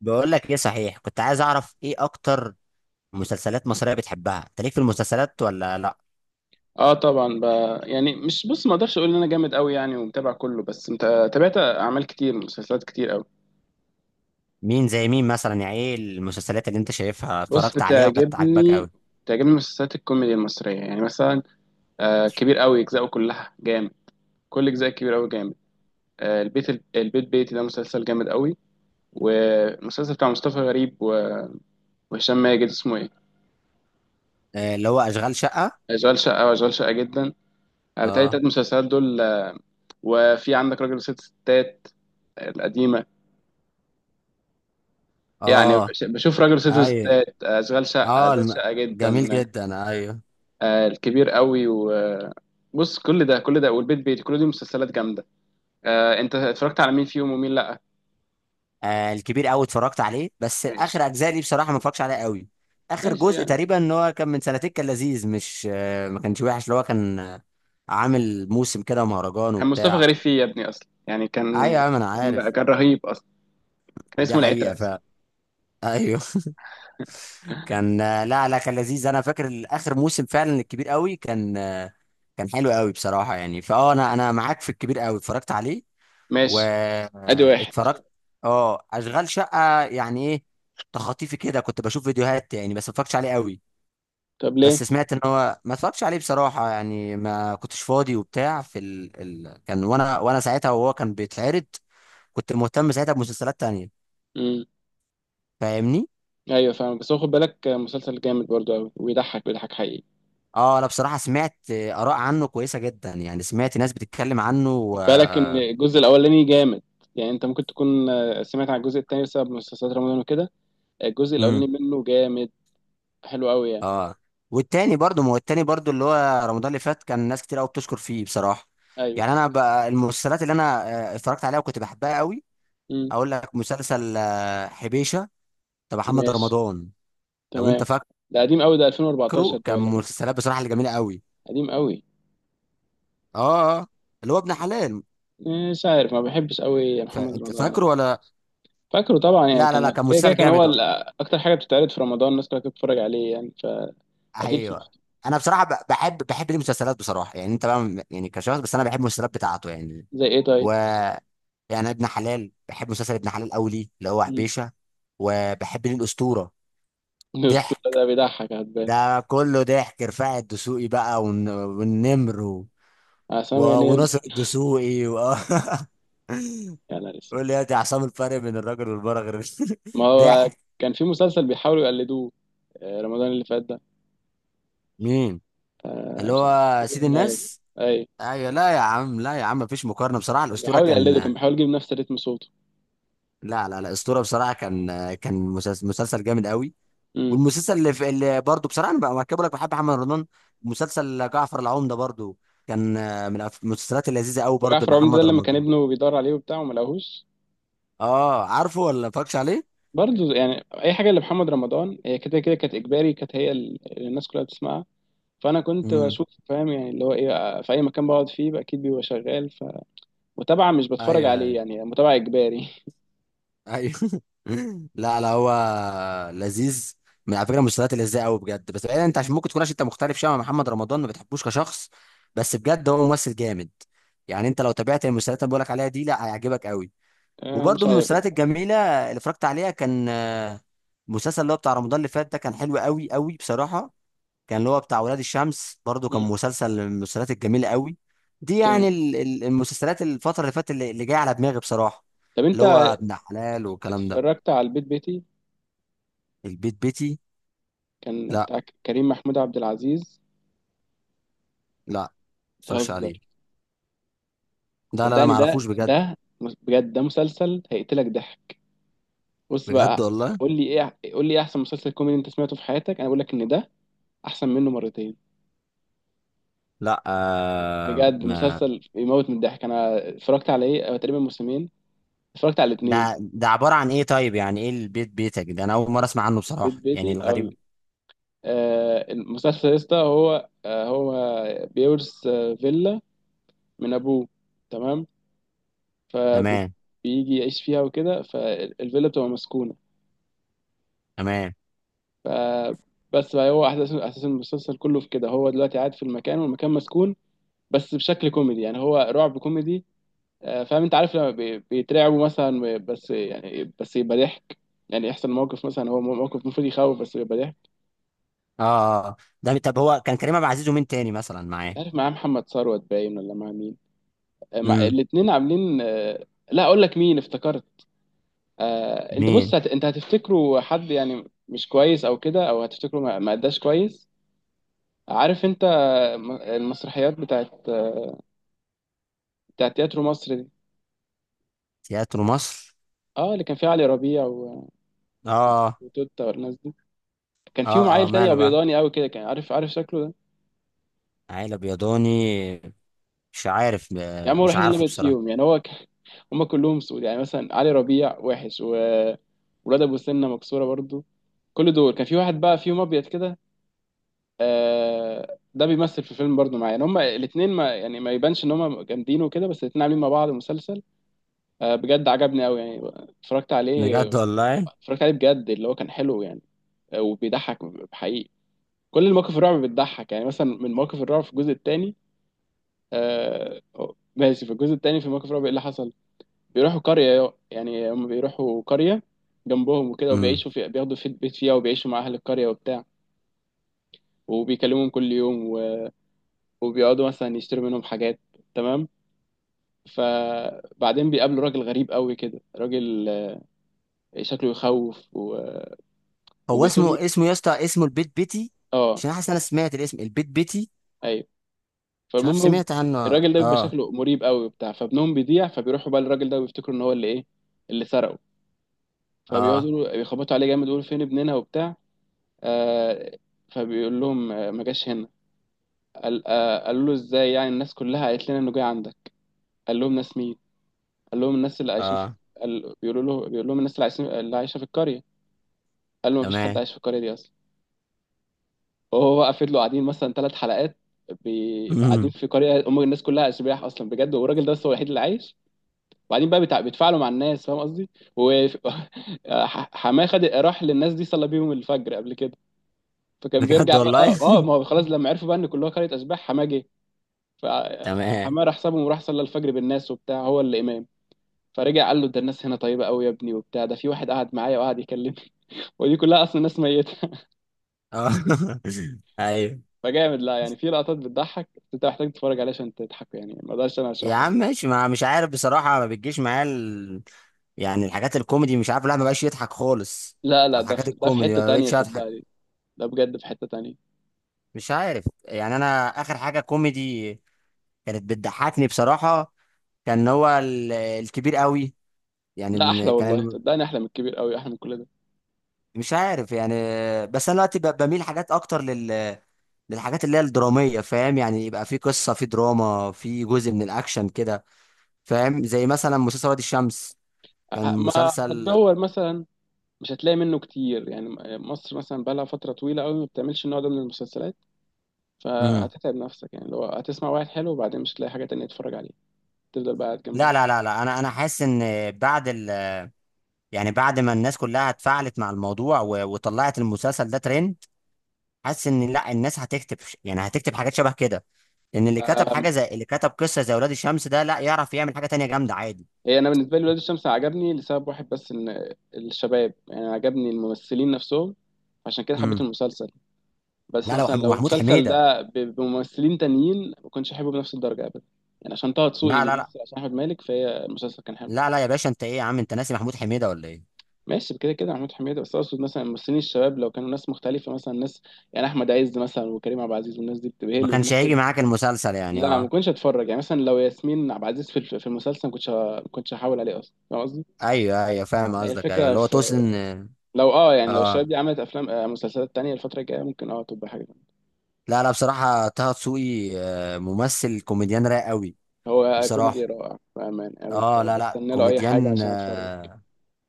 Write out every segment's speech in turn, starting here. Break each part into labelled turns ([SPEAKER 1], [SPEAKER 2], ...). [SPEAKER 1] بقول لك ايه؟ صحيح، كنت عايز اعرف ايه اكتر مسلسلات مصرية بتحبها؟ انت ليك في المسلسلات ولا لا؟
[SPEAKER 2] اه، طبعا بقى. يعني مش بص، ما اقدرش اقول ان انا جامد قوي يعني، ومتابع كله. بس انت تابعت اعمال كتير، مسلسلات كتير قوي.
[SPEAKER 1] مين زي مين مثلا؟ يعني ايه المسلسلات اللي انت شايفها
[SPEAKER 2] بص،
[SPEAKER 1] اتفرجت عليها وكانت عاجباك
[SPEAKER 2] بتعجبني
[SPEAKER 1] قوي؟
[SPEAKER 2] بتعجبني مسلسلات الكوميديا المصريه. يعني مثلا، كبير قوي اجزاءه كلها جامد، كل اجزاء كبير قوي جامد. آه البيت البيت بيتي ده مسلسل جامد قوي. والمسلسل بتاع مصطفى غريب وهشام ماجد، اسمه ايه؟
[SPEAKER 1] آه، اللي هو اشغال شقة.
[SPEAKER 2] اشغال شقه، واشغال شقه جدا. بتهيألي
[SPEAKER 1] اه.
[SPEAKER 2] التلات مسلسلات دول. وفي عندك راجل وست ستات، القديمه. يعني
[SPEAKER 1] اه.
[SPEAKER 2] بشوف راجل ست
[SPEAKER 1] ايوه.
[SPEAKER 2] ستات، اشغال شقه،
[SPEAKER 1] اه.
[SPEAKER 2] اشغال شقه
[SPEAKER 1] جميل
[SPEAKER 2] جدا.
[SPEAKER 1] جدا، ايوه.
[SPEAKER 2] الكبير قوي، وبص كل ده كل ده والبيت بيتي، كل دي مسلسلات جامده. انت اتفرجت على مين فيهم ومين لا؟
[SPEAKER 1] آه، الكبير قوي اتفرجت عليه، بس
[SPEAKER 2] ماشي،
[SPEAKER 1] اخر اجزاء دي بصراحة ما اتفرجش عليها قوي. اخر
[SPEAKER 2] ماشي.
[SPEAKER 1] جزء
[SPEAKER 2] يعني
[SPEAKER 1] تقريبا ان هو كان من سنتين، كان لذيذ، مش ما كانش وحش، اللي هو كان عامل موسم كده، مهرجان
[SPEAKER 2] كان مصطفى
[SPEAKER 1] وبتاع.
[SPEAKER 2] غريب فيه يا ابني اصلا، يعني
[SPEAKER 1] ايوه
[SPEAKER 2] كان
[SPEAKER 1] يا عم، انا
[SPEAKER 2] كان
[SPEAKER 1] عارف.
[SPEAKER 2] كان رهيب اصلا، كان
[SPEAKER 1] دي
[SPEAKER 2] اسمه
[SPEAKER 1] حقيقة
[SPEAKER 2] العترة.
[SPEAKER 1] فعلا. ايوه. كان. لا لا، كان لذيذ. انا فاكر اخر موسم فعلا الكبير قوي كان، كان حلو قوي بصراحه. يعني فاه، انا معاك في الكبير قوي اتفرجت عليه
[SPEAKER 2] ماشي، ادي واحد.
[SPEAKER 1] واتفرجت. اه. اشغال شقه؟ يعني ايه، تخطيفي كده كنت بشوف فيديوهات يعني، بس ما اتفرجتش عليه قوي.
[SPEAKER 2] طب ليه؟
[SPEAKER 1] بس سمعت ان هو ما اتفرجتش عليه بصراحه، يعني ما كنتش فاضي وبتاع في كان، وانا ساعتها وهو كان بيتعرض. كنت مهتم ساعتها بمسلسلات تانية.
[SPEAKER 2] امم.
[SPEAKER 1] فاهمني؟
[SPEAKER 2] ايوه، فاهم. بس هو خد بالك مسلسل جامد برضو قوي، ويضحك، بيضحك حقيقي.
[SPEAKER 1] اه، انا بصراحه سمعت اراء عنه كويسه جدا، يعني سمعت ناس بتتكلم عنه
[SPEAKER 2] خد بالك ان الجزء الاولاني جامد. يعني انت ممكن تكون سمعت عن الجزء التاني بسبب مسلسلات رمضان وكده. الجزء
[SPEAKER 1] امم.
[SPEAKER 2] الاولاني منه جامد، حلو قوي يعني.
[SPEAKER 1] اه. والتاني برضو، ما هو التاني برضو اللي هو رمضان اللي فات كان ناس كتير قوي بتشكر فيه بصراحه.
[SPEAKER 2] ايوه.
[SPEAKER 1] يعني انا بقى، المسلسلات اللي انا اتفرجت عليها وكنت بحبها قوي،
[SPEAKER 2] امم،
[SPEAKER 1] اقول لك مسلسل حبيشه بتاع محمد
[SPEAKER 2] ماشي،
[SPEAKER 1] رمضان. لو انت
[SPEAKER 2] تمام. ده قديم قوي، ده 2014
[SPEAKER 1] فاكره،
[SPEAKER 2] ده
[SPEAKER 1] كان
[SPEAKER 2] ولا كام؟
[SPEAKER 1] مسلسلات بصراحه اللي جميله قوي.
[SPEAKER 2] قديم قوي.
[SPEAKER 1] اه. اللي هو ابن حلال.
[SPEAKER 2] مش عارف، ما بحبش قوي يا محمد
[SPEAKER 1] فانت
[SPEAKER 2] رمضان
[SPEAKER 1] فاكره
[SPEAKER 2] يعني.
[SPEAKER 1] ولا؟
[SPEAKER 2] فاكره طبعا يعني.
[SPEAKER 1] لا لا
[SPEAKER 2] كان
[SPEAKER 1] لا، كان
[SPEAKER 2] كده كده
[SPEAKER 1] مسلسل
[SPEAKER 2] كان هو
[SPEAKER 1] جامد.
[SPEAKER 2] اكتر حاجه بتتعرض في رمضان، الناس كلها كانت بتتفرج عليه، يعني فاكيد
[SPEAKER 1] ايوه.
[SPEAKER 2] شفته.
[SPEAKER 1] انا بصراحه بحب ليه مسلسلات، بصراحه يعني انت بقى يعني كشخص، بس انا بحب المسلسلات بتاعته يعني.
[SPEAKER 2] زي ايه طيب؟
[SPEAKER 1] و يعني ابن حلال، بحب مسلسل ابن حلال قوي ليه، اللي هو
[SPEAKER 2] مم.
[SPEAKER 1] حبيشه. وبحب ليه الاسطوره.
[SPEAKER 2] الاسطوره
[SPEAKER 1] ضحك.
[SPEAKER 2] ده بيضحك هتبان.
[SPEAKER 1] ده كله ضحك. رفاعي الدسوقي بقى والنمر و...
[SPEAKER 2] عصام ينام.
[SPEAKER 1] وناصر الدسوقي
[SPEAKER 2] يا نهار اسود.
[SPEAKER 1] قول لي يا دي عصام: الفرق بين الراجل والمرأة غير.
[SPEAKER 2] ما هو
[SPEAKER 1] ضحك.
[SPEAKER 2] كان في مسلسل بيحاولوا يقلدوه، رمضان اللي فات ده.
[SPEAKER 1] مين؟ اللي
[SPEAKER 2] مش عارف،
[SPEAKER 1] هو
[SPEAKER 2] سيد
[SPEAKER 1] سيد
[SPEAKER 2] الناس
[SPEAKER 1] الناس.
[SPEAKER 2] اي.
[SPEAKER 1] ايوه، لا يا عم، لا يا عم، مفيش مقارنه بصراحه،
[SPEAKER 2] كان
[SPEAKER 1] الاسطوره
[SPEAKER 2] بيحاول يقلده، كان
[SPEAKER 1] كان.
[SPEAKER 2] بيحاول يجيب نفس رتم صوته.
[SPEAKER 1] لا لا لا، اسطوره بصراحه كان، كان مسلسل جامد قوي.
[SPEAKER 2] امم.
[SPEAKER 1] والمسلسل اللي برضه بصراحه انا بقى مركبه لك بحب محمد رمضان، مسلسل جعفر العمده برضه، كان من المسلسلات اللذيذه قوي برضه
[SPEAKER 2] وجعفر عمده ده
[SPEAKER 1] لمحمد
[SPEAKER 2] لما كان
[SPEAKER 1] رمضان.
[SPEAKER 2] ابنه بيدور عليه وبتاع، وما لقاهوش.
[SPEAKER 1] اه، عارفه ولا فاكش عليه؟
[SPEAKER 2] برضه، يعني اي حاجه لمحمد رمضان هي كده كده كانت اجباري، كانت هي اللي الناس كلها بتسمعها. فانا كنت
[SPEAKER 1] امم.
[SPEAKER 2] بشوف، فاهم؟ يعني اللي هو ايه، في اي مكان بقعد فيه بقى اكيد بيبقى شغال. فمتابعه، مش بتفرج
[SPEAKER 1] ايوه،
[SPEAKER 2] عليه
[SPEAKER 1] ايوه.
[SPEAKER 2] يعني، متابعه اجباري.
[SPEAKER 1] ايوه. لا لا، هو لذيذ. من على فكره، المسلسلات اللذيذه قوي بجد، بس بعيدا، انت عشان ممكن تكون، عشان انت مختلف شويه مع محمد رمضان ما بتحبوش كشخص، بس بجد هو ممثل جامد. يعني انت لو تابعت المسلسلات اللي بقولك عليها دي، لا هيعجبك قوي.
[SPEAKER 2] مش
[SPEAKER 1] وبرضه من
[SPEAKER 2] عارف.
[SPEAKER 1] المسلسلات الجميله اللي اتفرجت عليها كان مسلسل اللي هو بتاع رمضان اللي فات ده، كان حلو قوي قوي بصراحه. كان اللي هو بتاع ولاد الشمس برضه، كان
[SPEAKER 2] امم.
[SPEAKER 1] مسلسل من المسلسلات الجميله قوي. دي يعني
[SPEAKER 2] كام؟
[SPEAKER 1] المسلسلات الفتره اللي فاتت اللي جايه على دماغي بصراحه،
[SPEAKER 2] طب
[SPEAKER 1] اللي
[SPEAKER 2] انت
[SPEAKER 1] هو ابن حلال والكلام ده.
[SPEAKER 2] اتفرجت على البيت بيتي؟
[SPEAKER 1] البيت بيتي؟
[SPEAKER 2] كان
[SPEAKER 1] لا
[SPEAKER 2] بتاع كريم محمود عبد العزيز.
[SPEAKER 1] لا، ما اتفرجش
[SPEAKER 2] بتهزر؟
[SPEAKER 1] عليه. لا لا لا،
[SPEAKER 2] صدقني
[SPEAKER 1] ما
[SPEAKER 2] ده
[SPEAKER 1] اعرفوش بجد.
[SPEAKER 2] ده بجد، ده مسلسل هيقتلك ضحك. بص
[SPEAKER 1] بجد
[SPEAKER 2] بقى،
[SPEAKER 1] والله.
[SPEAKER 2] قول لي ايه، قول لي ايه احسن مسلسل كوميدي انت سمعته في حياتك؟ انا بقول لك ان ده احسن منه مرتين.
[SPEAKER 1] لا،
[SPEAKER 2] بجد،
[SPEAKER 1] ما
[SPEAKER 2] مسلسل يموت من الضحك. انا اتفرجت على ايه أو تقريبا موسمين، اتفرجت على الاثنين.
[SPEAKER 1] ده عباره عن ايه؟ طيب يعني ايه البيت بيتك ده؟ انا اول مره اسمع عنه
[SPEAKER 2] بيت
[SPEAKER 1] بصراحه يعني،
[SPEAKER 2] بيتي او
[SPEAKER 1] الغريب.
[SPEAKER 2] المسلسل يا اسطى، هو هو بيورث فيلا من ابوه، تمام؟
[SPEAKER 1] تمام
[SPEAKER 2] فبيجي يعيش فيها وكده، فالفيلا بتبقى مسكونه.
[SPEAKER 1] تمام.
[SPEAKER 2] فبس بقى هو احداث اساس المسلسل كله في كده، هو دلوقتي قاعد في المكان، والمكان مسكون، بس بشكل كوميدي. يعني هو رعب كوميدي. فاهم؟ انت عارف لما بيترعبوا مثلا، بس يعني بس يبقى ضحك. يعني يحصل موقف مثلا، هو موقف المفروض يخوف بس يبقى ضحك.
[SPEAKER 1] اه. ده طب، هو كان كريم عبد العزيز ومين تاني مثلا
[SPEAKER 2] مش
[SPEAKER 1] معاه؟
[SPEAKER 2] عارف معاه محمد ثروت باين، ولا مع مين. مع
[SPEAKER 1] امم.
[SPEAKER 2] الاتنين عاملين. لا اقول لك مين افتكرت. انت
[SPEAKER 1] مين؟
[SPEAKER 2] بص، انت هتفتكره حد يعني مش كويس او كده، او هتفتكره ما اداش كويس. عارف انت المسرحيات بتاعت، بتاعت تياترو مصر دي.
[SPEAKER 1] تياترو مصر؟
[SPEAKER 2] اه، اللي كان فيها علي ربيع
[SPEAKER 1] اه،
[SPEAKER 2] وتوتة والناس دي. كان فيهم
[SPEAKER 1] اه، اه،
[SPEAKER 2] عيل تاني
[SPEAKER 1] ماله بقى؟
[SPEAKER 2] ابيضاني قوي كده، كان عارف، عارف شكله ده؟
[SPEAKER 1] عيلة بيضاني؟ مش عارف
[SPEAKER 2] يا عم، هو
[SPEAKER 1] مش
[SPEAKER 2] الوحيد اللي
[SPEAKER 1] عارفه
[SPEAKER 2] ابيض فيهم،
[SPEAKER 1] بصراحة.
[SPEAKER 2] يعني هم كلهم سود، يعني مثلا علي ربيع وحش، وولاد ابو سنه مكسوره برضو. كل دول كان في واحد بقى فيهم ابيض كده. ده بيمثل في الفيلم برضو معايا. يعني هم الاثنين ما يعني ما يبانش ان هم جامدين وكده، بس الاثنين عاملين مع بعض مسلسل، بجد عجبني قوي يعني. اتفرجت عليه،
[SPEAKER 1] بجد والله؟
[SPEAKER 2] اتفرجت عليه بجد، اللي هو كان حلو يعني. وبيضحك حقيقي. كل المواقف الرعب بتضحك يعني. مثلا من مواقف الرعب في الجزء الثاني، آه، ماشي، في الجزء الثاني في مواقف الرعب ايه اللي حصل؟ بيروحوا قرية يعني، هم بيروحوا قرية جنبهم وكده،
[SPEAKER 1] امم.
[SPEAKER 2] وبيعيشوا في، بياخدوا في بيت فيها، وبيعيشوا مع أهل القرية وبتاع، وبيكلمهم كل يوم وبيقعدوا مثلا يشتروا منهم حاجات، تمام؟ فبعدين بيقابلوا راجل غريب قوي كده، راجل شكله يخوف
[SPEAKER 1] هو
[SPEAKER 2] وبيتهم.
[SPEAKER 1] اسمه يا اسطى، اسمه البيت بيتي؟
[SPEAKER 2] اه،
[SPEAKER 1] عشان حاسس إن انا سمعت الاسم البيت بيتي.
[SPEAKER 2] ايوه.
[SPEAKER 1] مش عارف،
[SPEAKER 2] فالمهم،
[SPEAKER 1] سمعت عنه.
[SPEAKER 2] الراجل ده بيبقى
[SPEAKER 1] اه،
[SPEAKER 2] شكله مريب قوي وبتاع. فابنهم بيضيع، فبيروحوا بقى للراجل ده، ويفتكروا ان هو اللي ايه، اللي سرقه.
[SPEAKER 1] اه،
[SPEAKER 2] بيخبطوا عليه جامد، يقولوا فين ابننا وبتاع. آه، فبيقول لهم، ما جاش هنا. قالوا له ازاي يعني؟ الناس كلها قالت لنا انه جاي عندك. قال لهم ناس مين؟ قال لهم الناس اللي عايشين في.
[SPEAKER 1] اه،
[SPEAKER 2] بيقولوا له، بيقول لهم الناس اللي عايشين، اللي عايشه في القريه. قال له مفيش حد
[SPEAKER 1] تمام.
[SPEAKER 2] عايش في القريه دي اصلا. وهو بقى فضلوا قاعدين مثلا ثلاث حلقات، قاعدين
[SPEAKER 1] امم.
[SPEAKER 2] في قريه، هم الناس كلها اشباح اصلا بجد، والراجل ده بس هو الوحيد اللي عايش. وبعدين بقى بيتفاعلوا مع الناس، فاهم قصدي؟ و حماه خد، راح للناس دي، صلى بيهم الفجر قبل كده. فكان
[SPEAKER 1] بجد
[SPEAKER 2] بيرجع بقى.
[SPEAKER 1] والله.
[SPEAKER 2] اه اه، ما هو خلاص لما عرفوا بقى ان كلها قريه اشباح، حماه جه
[SPEAKER 1] تمام.
[SPEAKER 2] فحمار حسابهم، وراح صلى الفجر بالناس وبتاع، هو اللي امام. فرجع قال له ده الناس هنا طيبه قوي يا ابني وبتاع، ده في واحد قعد معايا وقعد يكلمني، ودي كلها اصلا ناس ميته.
[SPEAKER 1] اه. ايوه
[SPEAKER 2] فجامد. لا يعني في لقطات بتضحك، بس انت محتاج تتفرج عليها عشان تضحك يعني، ما اقدرش انا
[SPEAKER 1] يا
[SPEAKER 2] اشرحه
[SPEAKER 1] عم
[SPEAKER 2] لك.
[SPEAKER 1] ماشي، ما مش عارف بصراحة، ما بتجيش معايا يعني الحاجات الكوميدي مش عارف، لا، ما بقاش يضحك خالص.
[SPEAKER 2] لا لا،
[SPEAKER 1] على الحاجات
[SPEAKER 2] ده في
[SPEAKER 1] الكوميدي
[SPEAKER 2] حته
[SPEAKER 1] ما
[SPEAKER 2] تانية،
[SPEAKER 1] بقتش اضحك.
[SPEAKER 2] صدقني. ده بجد في حته تانية.
[SPEAKER 1] مش عارف يعني، انا اخر حاجة كوميدي كانت بتضحكني بصراحة، كان هو الكبير قوي. يعني
[SPEAKER 2] لا، احلى
[SPEAKER 1] كان
[SPEAKER 2] والله، صدقني احلى من الكبير قوي، احلى من كل ده.
[SPEAKER 1] مش عارف يعني. بس انا دلوقتي بميل حاجات اكتر للحاجات اللي هي الدرامية. فاهم يعني؟ يبقى في قصة، في دراما، في جزء من الاكشن كده. فاهم؟ زي مثلا مسلسل وادي الشمس، كان
[SPEAKER 2] ما
[SPEAKER 1] مسلسل.
[SPEAKER 2] هتدور مثلا، مش هتلاقي منه كتير يعني. مصر مثلا بقالها فتره طويله قوي ما بتعملش النوع ده من المسلسلات، فهتتعب نفسك يعني. لو هتسمع واحد حلو وبعدين مش هتلاقي حاجة تانية تتفرج عليها، تفضل بقى قاعد
[SPEAKER 1] لا
[SPEAKER 2] جنبها.
[SPEAKER 1] لا لا لا، انا حاسس ان بعد يعني بعد ما الناس كلها اتفاعلت مع الموضوع وطلعت المسلسل ده ترند، حاسس ان لا، الناس هتكتب يعني هتكتب حاجات شبه كده، ان اللي كتب
[SPEAKER 2] أم،
[SPEAKER 1] حاجه زي اللي كتب قصه زي ولاد الشمس ده، لا يعرف يعمل حاجه تانية جامده عادي.
[SPEAKER 2] هي انا بالنسبه لي ولاد الشمس عجبني لسبب واحد بس، ان الشباب يعني عجبني الممثلين نفسهم. عشان كده حبيت
[SPEAKER 1] امم.
[SPEAKER 2] المسلسل. بس
[SPEAKER 1] لا لا، وح-
[SPEAKER 2] مثلا لو
[SPEAKER 1] ومحمود
[SPEAKER 2] المسلسل
[SPEAKER 1] حميده.
[SPEAKER 2] ده بممثلين تانيين، ما كنتش احبه بنفس الدرجه ابدا. يعني عشان طه دسوقي
[SPEAKER 1] لا لا لا
[SPEAKER 2] بيمثل، عشان احمد مالك، فهي المسلسل كان حلو.
[SPEAKER 1] لا، لا يا باشا، انت ايه يا عم؟ انت ناسي محمود حميده ولا ايه؟
[SPEAKER 2] ماشي، كده كده محمود حميده. بس اقصد مثلا الممثلين الشباب لو كانوا ناس مختلفه، مثلا ناس، يعني احمد عز مثلا وكريم عبد العزيز، والناس دي بتبقى هي
[SPEAKER 1] ما
[SPEAKER 2] اللي
[SPEAKER 1] كانش هيجي
[SPEAKER 2] بتمثل.
[SPEAKER 1] معاك المسلسل يعني؟
[SPEAKER 2] لا، ما
[SPEAKER 1] اه.
[SPEAKER 2] كنتش اتفرج يعني. مثلا لو ياسمين عبد العزيز في في المسلسل، ما كنتش هحاول عليه اصلا، فاهم قصدي؟
[SPEAKER 1] ايوه ايوه، فاهم
[SPEAKER 2] يعني
[SPEAKER 1] قصدك. ايوه،
[SPEAKER 2] الفكره
[SPEAKER 1] اللي هو
[SPEAKER 2] في،
[SPEAKER 1] توسن.
[SPEAKER 2] لو اه يعني لو
[SPEAKER 1] اه.
[SPEAKER 2] الشباب دي عملت افلام، مسلسلات تانية الفتره الجايه ممكن اه تبقى حاجه تانية.
[SPEAKER 1] لا لا، بصراحه طه دسوقي ممثل كوميديان رايق قوي.
[SPEAKER 2] هو كوميدي
[SPEAKER 1] بصراحه.
[SPEAKER 2] رائع بامان. أنا
[SPEAKER 1] اه. لا لا،
[SPEAKER 2] بستنى له اي حاجه
[SPEAKER 1] كوميديان
[SPEAKER 2] عشان اتفرج.
[SPEAKER 1] آه.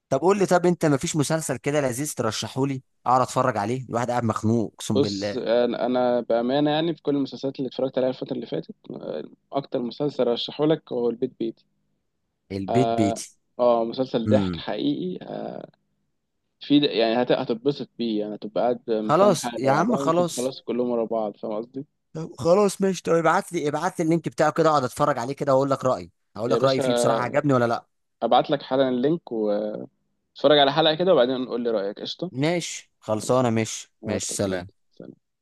[SPEAKER 1] طب قول لي، طب انت مفيش مسلسل كده لذيذ ترشحه لي اقعد اتفرج عليه؟ الواحد قاعد مخنوق اقسم
[SPEAKER 2] بص،
[SPEAKER 1] بالله.
[SPEAKER 2] أنا بامانه، يعني في كل المسلسلات اللي اتفرجت عليها الفتره اللي فاتت، اكتر مسلسل رشحه لك هو البيت بيتي.
[SPEAKER 1] البيت
[SPEAKER 2] اه،
[SPEAKER 1] بيتي؟
[SPEAKER 2] مسلسل ضحك
[SPEAKER 1] امم.
[SPEAKER 2] حقيقي. في يعني هتتبسط بيه، يعني هتبقى قاعد مستني
[SPEAKER 1] خلاص
[SPEAKER 2] الحلقه اللي
[SPEAKER 1] يا
[SPEAKER 2] بعدها،
[SPEAKER 1] عم،
[SPEAKER 2] وممكن
[SPEAKER 1] خلاص.
[SPEAKER 2] تخلص كلهم ورا بعض، فاهم قصدي؟
[SPEAKER 1] طب خلاص ماشي، طب ابعت لي ابعت لي اللينك بتاعه كده، اقعد اتفرج عليه كده واقول لك رايي. هقول
[SPEAKER 2] يا
[SPEAKER 1] لك رايي
[SPEAKER 2] باشا،
[SPEAKER 1] فيه بصراحه، عجبني ولا لا.
[SPEAKER 2] ابعت لك حالا اللينك، واتفرج على حلقة كده، وبعدين قول لي رأيك. قشطة،
[SPEAKER 1] ماشي خلصانه،
[SPEAKER 2] ماشي.
[SPEAKER 1] ماشي،
[SPEAKER 2] ابعت
[SPEAKER 1] ماشي،
[SPEAKER 2] لك
[SPEAKER 1] سلام.
[SPEAKER 2] دلوقتي. سلام.